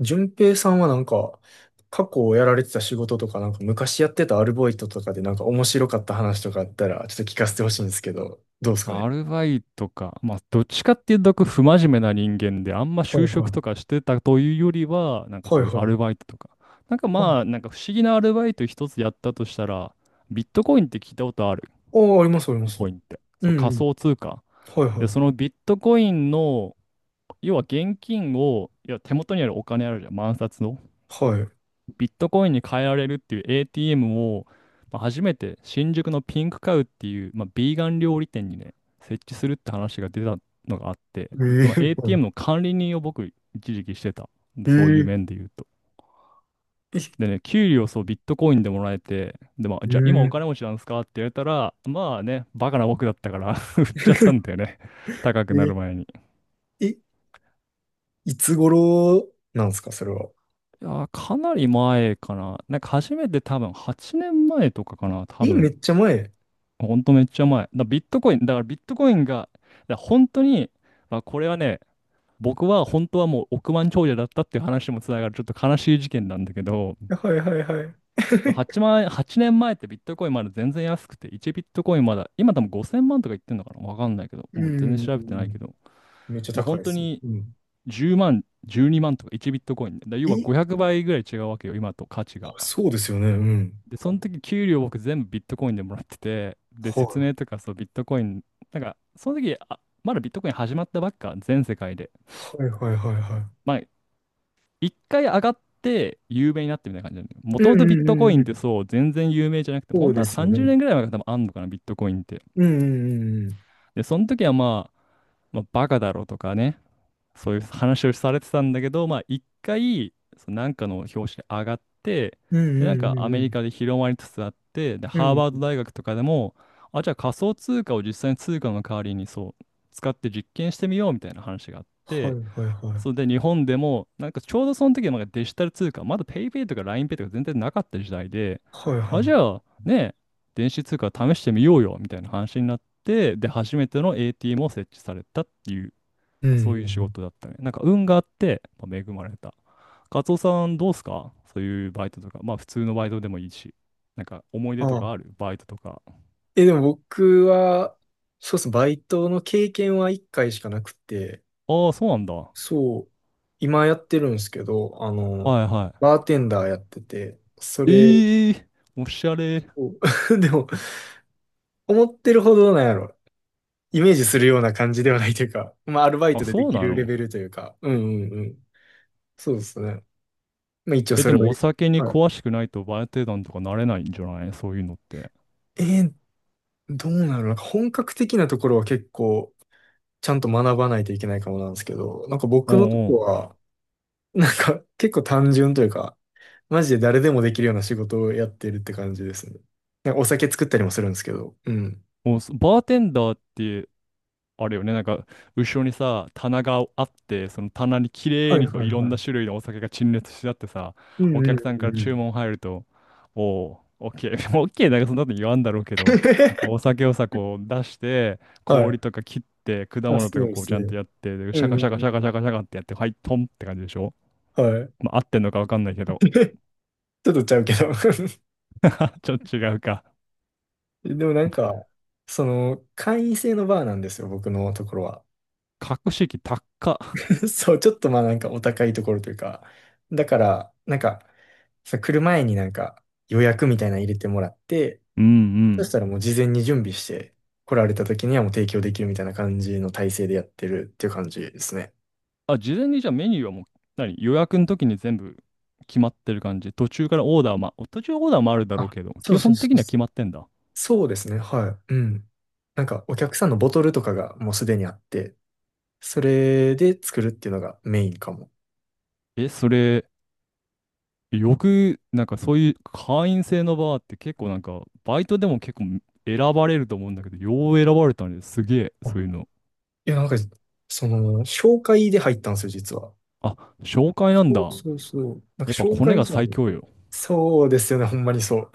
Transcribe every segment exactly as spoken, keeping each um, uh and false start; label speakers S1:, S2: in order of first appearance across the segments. S1: 順平さんはなんか、過去をやられてた仕事とか、なんか昔やってたアルバイトとかでなんか面白かった話とかあったら、ちょっと聞かせてほしいんですけど、どうですか
S2: ア
S1: ね。
S2: ルバイトか。まあ、どっちかっていうと、不真面目な人間で、あんま
S1: はい
S2: 就
S1: は
S2: 職
S1: い。
S2: とかしてたというよりは、なんか
S1: は
S2: そ
S1: い
S2: ういう
S1: は
S2: アル
S1: い。
S2: バイトとか。なんかまあ、
S1: あ、
S2: なんか不思議なアルバイト一つやったとしたら、ビットコインって聞いたことある？
S1: あ、ありま
S2: ビッ
S1: す、ありま
S2: ト
S1: す。
S2: コインって。
S1: う
S2: そう、
S1: んう
S2: 仮
S1: ん。
S2: 想通貨。
S1: はい
S2: で、
S1: はい。
S2: そのビットコインの、要は現金を、いや手元にあるお金あるじゃん。万札の。
S1: はい。
S2: ビットコインに変えられるっていう エーティーエム を、まあ、初めて新宿のピンクカウっていう、まあ、ビーガン料理店にね、設置するって話が出たのがあって、でその エーティーエム
S1: ええ
S2: の管理人を僕、一時期してた。で
S1: え
S2: そういう
S1: ええ
S2: 面で言うと。でね、給料そうビットコインでもらえて、で、まあ、じゃあ今お
S1: え
S2: 金持ちなんですかって言われたら、まあね、バカな僕だったから 売っちゃったんだよね。高くなる
S1: え
S2: 前に。い
S1: え、いつ頃なんですか、それは。
S2: やー、かなり前かな。なんか初めて多分はちねんまえとかかな、多
S1: え、め
S2: 分。
S1: っちゃ前。
S2: ほんとめっちゃ前。だからビットコイン、だからビットコインが、だから本当に、まあ、これはね、僕は本当はもう億万長者だったっていう話にもつながるちょっと悲しい事件なんだけど、
S1: はいはいはい。
S2: はちまん円、年前ってビットコインまだ全然安くて、いちビットコインまだ、今多分ごせんまんとか言ってんのかなわかんないけど、
S1: う
S2: もう全然
S1: ん。
S2: 調べてないけど、
S1: めっちゃ
S2: まあ、
S1: 高い
S2: 本
S1: で
S2: 当
S1: すね。
S2: に
S1: うん。
S2: じゅうまん、じゅうにまんとかいちビットコインで、だから要は
S1: え、
S2: ごひゃくばいぐらい違うわけよ、今と価値
S1: あ、
S2: が。
S1: そうですよね。うん。
S2: で、その時給料僕全部ビットコインでもらってて、で、
S1: は
S2: 説
S1: い。
S2: 明とかそうビットコイン、なんかその時、あ、まだビットコイン始まったばっか、全世界で。
S1: はいはいはいは
S2: まあ、一回上がって有名になってみたいな感じなんだよ、も
S1: い。
S2: と
S1: う
S2: も
S1: ん
S2: とビッ
S1: うん
S2: ト
S1: う
S2: コイ
S1: んう
S2: ンっ
S1: ん。
S2: てそう全然有名じゃなくて、
S1: そ
S2: 本
S1: う
S2: 当
S1: で
S2: は
S1: すよ
S2: 30
S1: ね。
S2: 年ぐらい前から多分あんのかな、ビットコインって。
S1: うんうんうんうん。
S2: で、その時はまあ、まあ、バカだろうとかね、そういう話をされてたんだけど、まあ一回、そのなんかの表紙に上がって、
S1: うん
S2: で、なん
S1: うん
S2: か
S1: う
S2: ア
S1: ん
S2: メリ
S1: う
S2: カで広まりつつあって、で、
S1: ん。う
S2: ハーバード
S1: ん。
S2: 大学とかでも、あ、じゃあ仮想通貨を実際に通貨の代わりにそう、使って実験してみようみたいな話があっ
S1: はい
S2: て、
S1: はいは
S2: それ
S1: い。
S2: で日本でも、なんかちょうどその時はなんかデジタル通貨、まだ ペイペイ とか ラインペイ とか全然なかった時代で、
S1: はい
S2: あ、
S1: は
S2: じ
S1: い。
S2: ゃあね、電子通貨試してみようよみたいな話になって、で、初めての エーティーエム を設置されたっていう
S1: う
S2: まあ
S1: ん
S2: そう
S1: う
S2: い
S1: ん
S2: う
S1: う
S2: 仕
S1: ん。
S2: 事だったね。なんか運があって、まあ、恵まれた。カツオさんどうすかそういうバイトとか。まあ普通のバイトでもいいし。なんか思い出
S1: あ
S2: とか
S1: あ。
S2: あるバイトとか。
S1: え、でも僕は、そうですね、バイトの経験はいっかいしかなくて、
S2: ああ、そうなんだ。は
S1: そう、今やってるんですけど、あ
S2: い
S1: の、
S2: は
S1: バーテンダーやってて、そ
S2: い。
S1: れ
S2: ええー、おしゃれ。
S1: を、でも、思ってるほどなんやろ、イメージするような感じではないというか、まあ、アルバイ
S2: あ、
S1: トでで
S2: そう
S1: き
S2: な
S1: るレ
S2: の？
S1: ベルというか、うんうんうん。そうですね。まあ一応
S2: え、
S1: そ
S2: で
S1: れを。
S2: もお酒に
S1: はい。
S2: 詳しくないとバーテンダーとかなれないんじゃない？そういうのって。
S1: えー、どうなるのか本格的なところは結構ちゃんと学ばないといけないかもなんですけど、なんか僕のと
S2: おうお
S1: こ
S2: う。
S1: は、なんか結構単純というか、マジで誰でもできるような仕事をやってるって感じですね。なんかお酒作ったりもするんですけど。うん。
S2: おう、そバーテンダーってあるよね。なんか、後ろにさ、棚があって、その棚に綺
S1: は
S2: 麗
S1: い
S2: にこ
S1: は
S2: う
S1: い
S2: いろ
S1: は
S2: んな
S1: い。
S2: 種類のお酒が陳列してあってさ、
S1: う
S2: お
S1: んうん
S2: 客さん
S1: う
S2: から
S1: んう
S2: 注
S1: ん。
S2: 文入ると、おお、オッケー、オッケーなんかそんなこと言わんだろうけど、お 酒をさ、こう出して、
S1: はい。
S2: 氷とか切って、果
S1: あ、
S2: 物と
S1: そう
S2: か
S1: で
S2: こう
S1: す
S2: ちゃんと
S1: ね。
S2: やって、で
S1: う
S2: シャ
S1: ん
S2: カ
S1: うん
S2: シャカシャカシャカシャカってやって、はい、トンって感じでしょ？
S1: うん。はい。
S2: まあ、合ってんのかわかんないけど、
S1: ちょっとちゃうけど。
S2: ちょっと違うか。
S1: でもなんか、その、会員制のバーなんですよ、僕のところは。
S2: 格式高っ。
S1: そう、ちょっとまあなんかお高いところというか、だから、なんか、さ、来る前になんか予約みたいなの入れてもらって、
S2: うんう
S1: そし
S2: ん。
S1: たらもう事前に準備して、来られた時にはもう提供できるみたいな感じの体制でやってるっていう感じですね。
S2: あ、事前にじゃあメニューはもう、何、予約の時に全部決まってる感じ？途中からオーダーま、途中オーダーもあるだろう
S1: あ、
S2: けど、
S1: そ
S2: 基
S1: うそう
S2: 本
S1: そ
S2: 的
S1: う
S2: には
S1: そ
S2: 決
S1: う。
S2: まってんだ。
S1: そうですね、はい。うん。なんかお客さんのボトルとかがもうすでにあって、それで作るっていうのがメインかも。
S2: え、それ、よく、なんかそういう会員制のバーって結構なんか、バイトでも結構選ばれると思うんだけど、よう選ばれたね。すげえ、
S1: あ、
S2: そういうの。
S1: いや、なんか、その、紹介で入ったんですよ、実は。
S2: あ、紹介なん
S1: そう
S2: だ。
S1: そうそう。なん
S2: や
S1: か
S2: っぱ
S1: 紹
S2: コネ
S1: 介
S2: が
S1: じゃな
S2: 最
S1: い
S2: 強
S1: と。
S2: よ。
S1: そうですよね、ほんまにそう。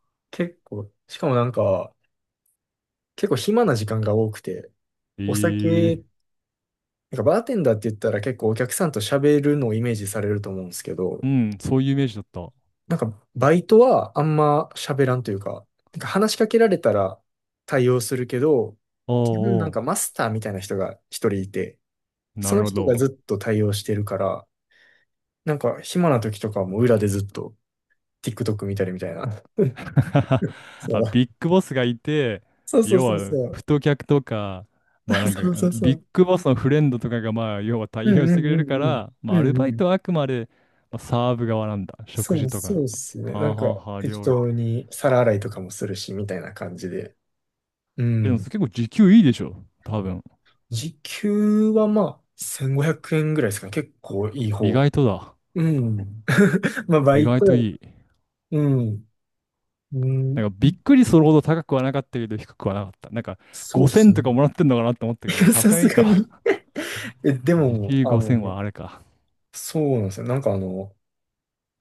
S1: 結構、しかもなんか、結構暇な時間が多くて、お
S2: え
S1: 酒、
S2: え、
S1: なんかバーテンダーって言ったら結構お客さんと喋るのをイメージされると思うんですけど、
S2: うん、そういうイメージだった。ああ、
S1: なんかバイトはあんま喋らんというか、なんか話しかけられたら対応するけど、
S2: あ
S1: 基本なんかマスターみたいな人が一人いて、
S2: あ、な
S1: そ
S2: る
S1: の
S2: ほ
S1: 人が
S2: ど。
S1: ずっと対応してるから、なんか暇な時とかも裏でずっと TikTok 見たりみたいな。そ
S2: あ、
S1: う
S2: ビッグボスがいて、
S1: そうそう
S2: 要
S1: そう
S2: は、
S1: そう。
S2: 太客とか、まあな んか、
S1: そうそうそ
S2: ビッ
S1: う。
S2: グボスのフレンドとかが、まあ、要は
S1: う
S2: 対応
S1: ん
S2: し
S1: う
S2: てく
S1: ん
S2: れ
S1: う
S2: るか
S1: んうん。
S2: ら、まあ、ア
S1: う
S2: ルバ
S1: んう
S2: イ
S1: ん。
S2: トはあくまで、まあ、サーブ側なんだ。食
S1: そ
S2: 事
S1: う
S2: とか
S1: そう
S2: の。
S1: っす
S2: は
S1: ね。な
S2: あ
S1: んか
S2: はあはあ、
S1: 適
S2: 料理。
S1: 当に皿洗いとかもするし、みたいな感じで。う
S2: え、でも、
S1: ん。
S2: それ結構時給いいでしょ。多分。
S1: 時給はまあ、せんごひゃくえんぐらいですかね。結構いい
S2: 意
S1: 方。
S2: 外とだ。
S1: うん。まあ、バ
S2: 意
S1: イ
S2: 外
S1: ト。
S2: といい。
S1: うん。う
S2: な
S1: ん。
S2: んか、びっくりするほど高くはなかったけど、低くはなかった。なんか、
S1: そうっ
S2: ごせん
S1: す
S2: と
S1: ね。
S2: かもらってんのかなって思ったけど、さす
S1: さ
S2: がに
S1: す
S2: いい
S1: が
S2: か。
S1: に。え、で
S2: 時
S1: も、
S2: 給
S1: あ
S2: ごせんはあ
S1: の、
S2: れか。
S1: そうなんですよ。なんかあの、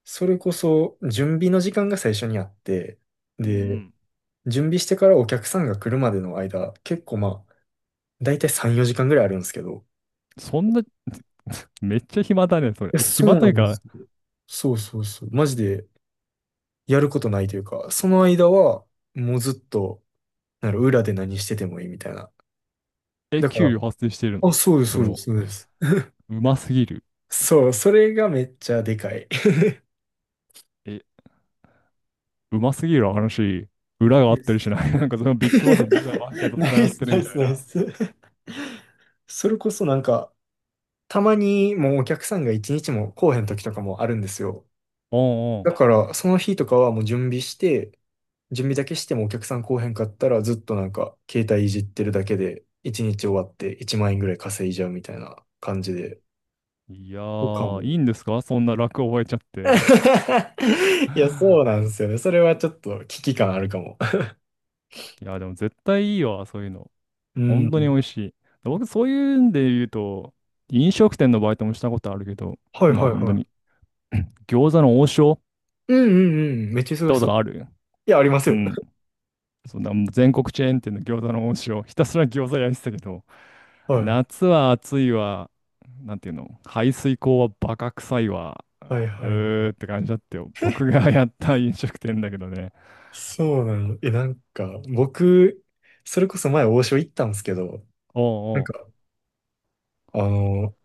S1: それこそ準備の時間が最初にあって、
S2: うんう
S1: で、
S2: ん。
S1: 準備してからお客さんが来るまでの間、結構まあ、だいたいさん、よじかんぐらいあるんですけど。
S2: そんな めっちゃ暇だね、それ。
S1: いや、
S2: え、
S1: そ
S2: 暇
S1: う
S2: と
S1: な
S2: いう
S1: んです、
S2: か、
S1: そうそうそう。マジでやることないというか、その間はもうずっと、なんか裏で何しててもいいみたいな。
S2: え、
S1: だか
S2: 給
S1: ら、
S2: 料発生してる
S1: あ、
S2: の？
S1: そうです、
S2: そ
S1: そ
S2: れ
S1: うです、
S2: も。
S1: そうです。
S2: うますぎる。
S1: そう、それがめっちゃでかい。
S2: え、うますぎる話、裏があっ
S1: で
S2: たりし
S1: す。
S2: ない？ なんかそのビッグバ ス実はマフィアと
S1: ナ
S2: 繋が
S1: イ
S2: っ
S1: ス、
S2: てる
S1: ナ
S2: み
S1: イ
S2: たい
S1: ス、ナイ
S2: な。
S1: ス。それこそなんか、たまにもうお客さんが一日も来おへん時とかもあるんですよ。
S2: うんう
S1: だ
S2: ん。
S1: から、その日とかはもう準備して、準備だけしてもお客さん来おへんかったらずっとなんか携帯いじってるだけでいちにち終わっていちまん円ぐらい稼いじゃうみたいな感じで。
S2: いや
S1: とか
S2: ー、
S1: も。
S2: いいんですか、そんな楽覚えちゃって。
S1: いや、そうなんで すよね。それはちょっと危機感あるかも。
S2: いや、でも絶対いいわ、そういうの。
S1: う
S2: 本当に美
S1: ん。
S2: 味しい。で僕、そういうんで言うと、飲食店のバイトもしたことあるけど、
S1: はい
S2: まあ
S1: はい
S2: 本当
S1: は
S2: に、餃子の王将行っ
S1: い。うんうんうん。めっちゃ忙
S2: た
S1: し
S2: こ
S1: そ
S2: と
S1: う。
S2: ある？
S1: いや、あります
S2: う
S1: よ。
S2: ん。そんなもう全国チェーン店の餃子の恩師をひたすら餃子焼いてたけど、
S1: はい。
S2: 夏は暑いわ、なんていうの、排水口はバカ臭いわ、
S1: はい
S2: う
S1: はいは
S2: ーっ
S1: い。
S2: て感じだったよ。僕がやった飲食店だけどね。
S1: そうなの。え、なんか、僕、それこそ前王将行ったんですけど、
S2: お
S1: な
S2: う
S1: ん
S2: お
S1: か、
S2: う。
S1: あの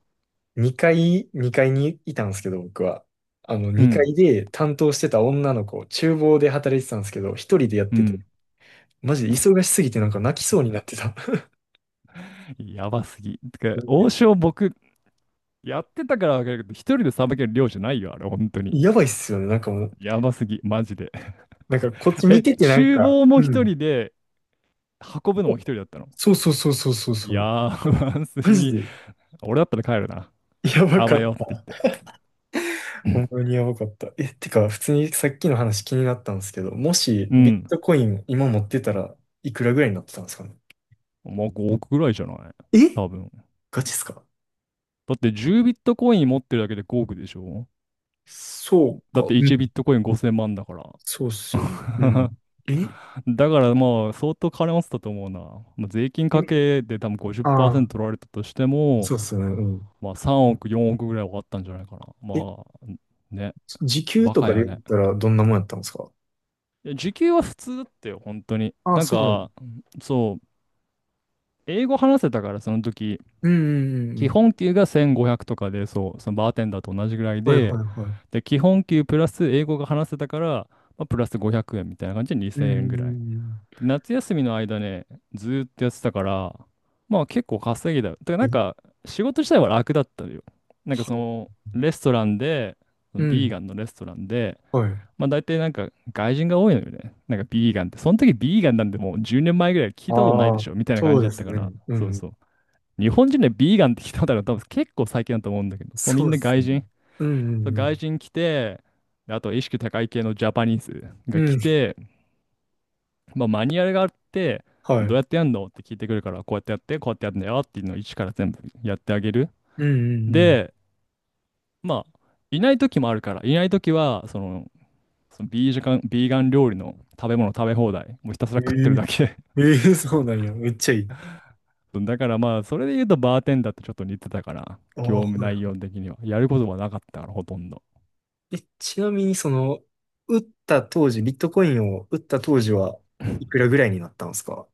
S1: 2階、にかいにいたんですけど、僕は。あの、
S2: う
S1: 2
S2: ん、
S1: 階で担当してた女の子、厨房で働いてたんですけど、一人でやっ
S2: う
S1: てて、
S2: ん。
S1: マジで忙しすぎてなんか泣きそうになってた。
S2: やばすぎ。てか、王将僕、やってたからわかるけど、一人でさばける量じゃないよ、あれ、本当に。
S1: やばいっすよね、なんかもう。
S2: やばすぎ、マジで。
S1: なんかこっち見
S2: え、
S1: ててなん
S2: 厨
S1: か、
S2: 房も
S1: う
S2: 一
S1: ん。
S2: 人で、運ぶのも一人だったの？
S1: そうそうそうそうそうそう。
S2: やばす
S1: マジ
S2: ぎ。
S1: で、
S2: 俺だったら帰るな。
S1: やば
S2: あ
S1: か
S2: ば
S1: っ
S2: よって言っ
S1: た。
S2: て。
S1: ほんまにやばかった。え、てか、普通にさっきの話気になったんですけど、もし
S2: う
S1: ビッ
S2: ん。
S1: トコイン今持ってたらいくらぐらいになってたんですかね。
S2: まあごおくぐらいじゃない？
S1: え、
S2: 多分。
S1: ガチっすか。
S2: だってじゅうビットコイン持ってるだけでごおくでしょ？
S1: そう
S2: だっ
S1: か。
S2: ていちビットコインごせんまんだから。
S1: そうっすよね。うん。ええ、
S2: だからまあ相当金持ってたと思うな。まあ、税金かけで多分
S1: ああ、
S2: ごじゅっパーセント取られたとしても、
S1: そうっすよね。うん。
S2: まあさんおく、よんおくぐらいはあったんじゃないかな。
S1: え、
S2: まあね、
S1: 時給
S2: バ
S1: と
S2: カ
S1: かで
S2: よ
S1: 言
S2: ね。
S1: ったらどんなもんやったんですか。
S2: いや時給は普通だったよ、本当に。
S1: ああ、
S2: なん
S1: そうなの。
S2: か、そう、英語話せたからその時、
S1: うん、うん、うん。
S2: 基
S1: うん、
S2: 本給がせんごひゃくとかで、そう、そのバーテンダーと同じぐらい
S1: はいはい
S2: で、
S1: はい。
S2: で、基本給プラス英語が話せたから、まあ、プラスごひゃくえんみたいな感じで
S1: うん、
S2: 2000
S1: う
S2: 円ぐらい。
S1: ん、うん。
S2: で夏休みの間ね、ずーっとやってたから、まあ結構稼ぎだよ。だからなん
S1: え、
S2: か仕事自体は楽だったのよ。なんか
S1: は
S2: そ
S1: い。
S2: のレストランで、
S1: う
S2: ビーガ
S1: ん、
S2: ンのレストランで、
S1: はい。
S2: まあ大体なんか外人が多いのよね。なんかビーガンって。その時ビーガンなんてもうじゅうねんまえぐらい聞いたことない
S1: あ
S2: で
S1: あ、
S2: しょみたいな感
S1: そう
S2: じだ
S1: で
S2: っ
S1: す
S2: たか
S1: ね。
S2: ら。
S1: う
S2: そう
S1: ん。
S2: そう。日本人でビーガンって聞いたことあるの多分結構最近だと思うんだけど、そうみ
S1: そ
S2: ん
S1: うっ
S2: な
S1: す
S2: 外
S1: ね。
S2: 人。
S1: うん、
S2: そう
S1: う
S2: 外
S1: ん、
S2: 人来て、であと意識高い系のジャパニーズ
S1: う
S2: が
S1: ん。う
S2: 来
S1: ん、
S2: て、まあ、マニュアルがあって、
S1: は
S2: どう
S1: い。
S2: やってやんのって聞いてくるから、こうやってやって、こうやってやるんだよっていうのを一から全部やってあげる。
S1: うん、うん、
S2: で、まあ、いない時もあるから、いない時は、その、そのビージガン、ビーガン料理の食べ物食べ放題、もうひたすら
S1: う
S2: 食って
S1: ん。
S2: るだけ。
S1: ええ、ええ、そうなんや。めっちゃいい。
S2: だからまあ、それで言うとバーテンダーってちょっと似てたから、
S1: あ
S2: 業
S1: あ、は
S2: 務内容
S1: い。
S2: 的には。やることはなかったから、ほとんど。
S1: で、ちなみにその、売った当時、ビットコインを売った当時はいくらぐらいになったんですか。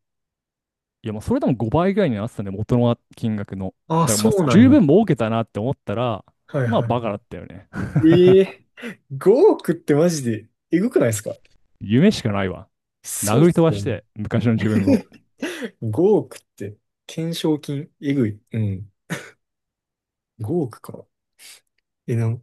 S2: いや、もうそれでもごばいぐらいになってたね、元の金額の。
S1: ああ、
S2: だからもう
S1: そうなん
S2: 十
S1: や。
S2: 分儲けたなって思ったら、
S1: はい
S2: まあ
S1: は
S2: バカだったよね。
S1: い。え え、ごおくってマジでえぐくないですか。
S2: 夢しかないわ。
S1: そうっ
S2: 殴り
S1: す
S2: 飛ば
S1: よ
S2: し
S1: ね。
S2: て、昔の自分を。
S1: ごおくって、懸賞金、えぐい。うん。ごおくか。え、なん、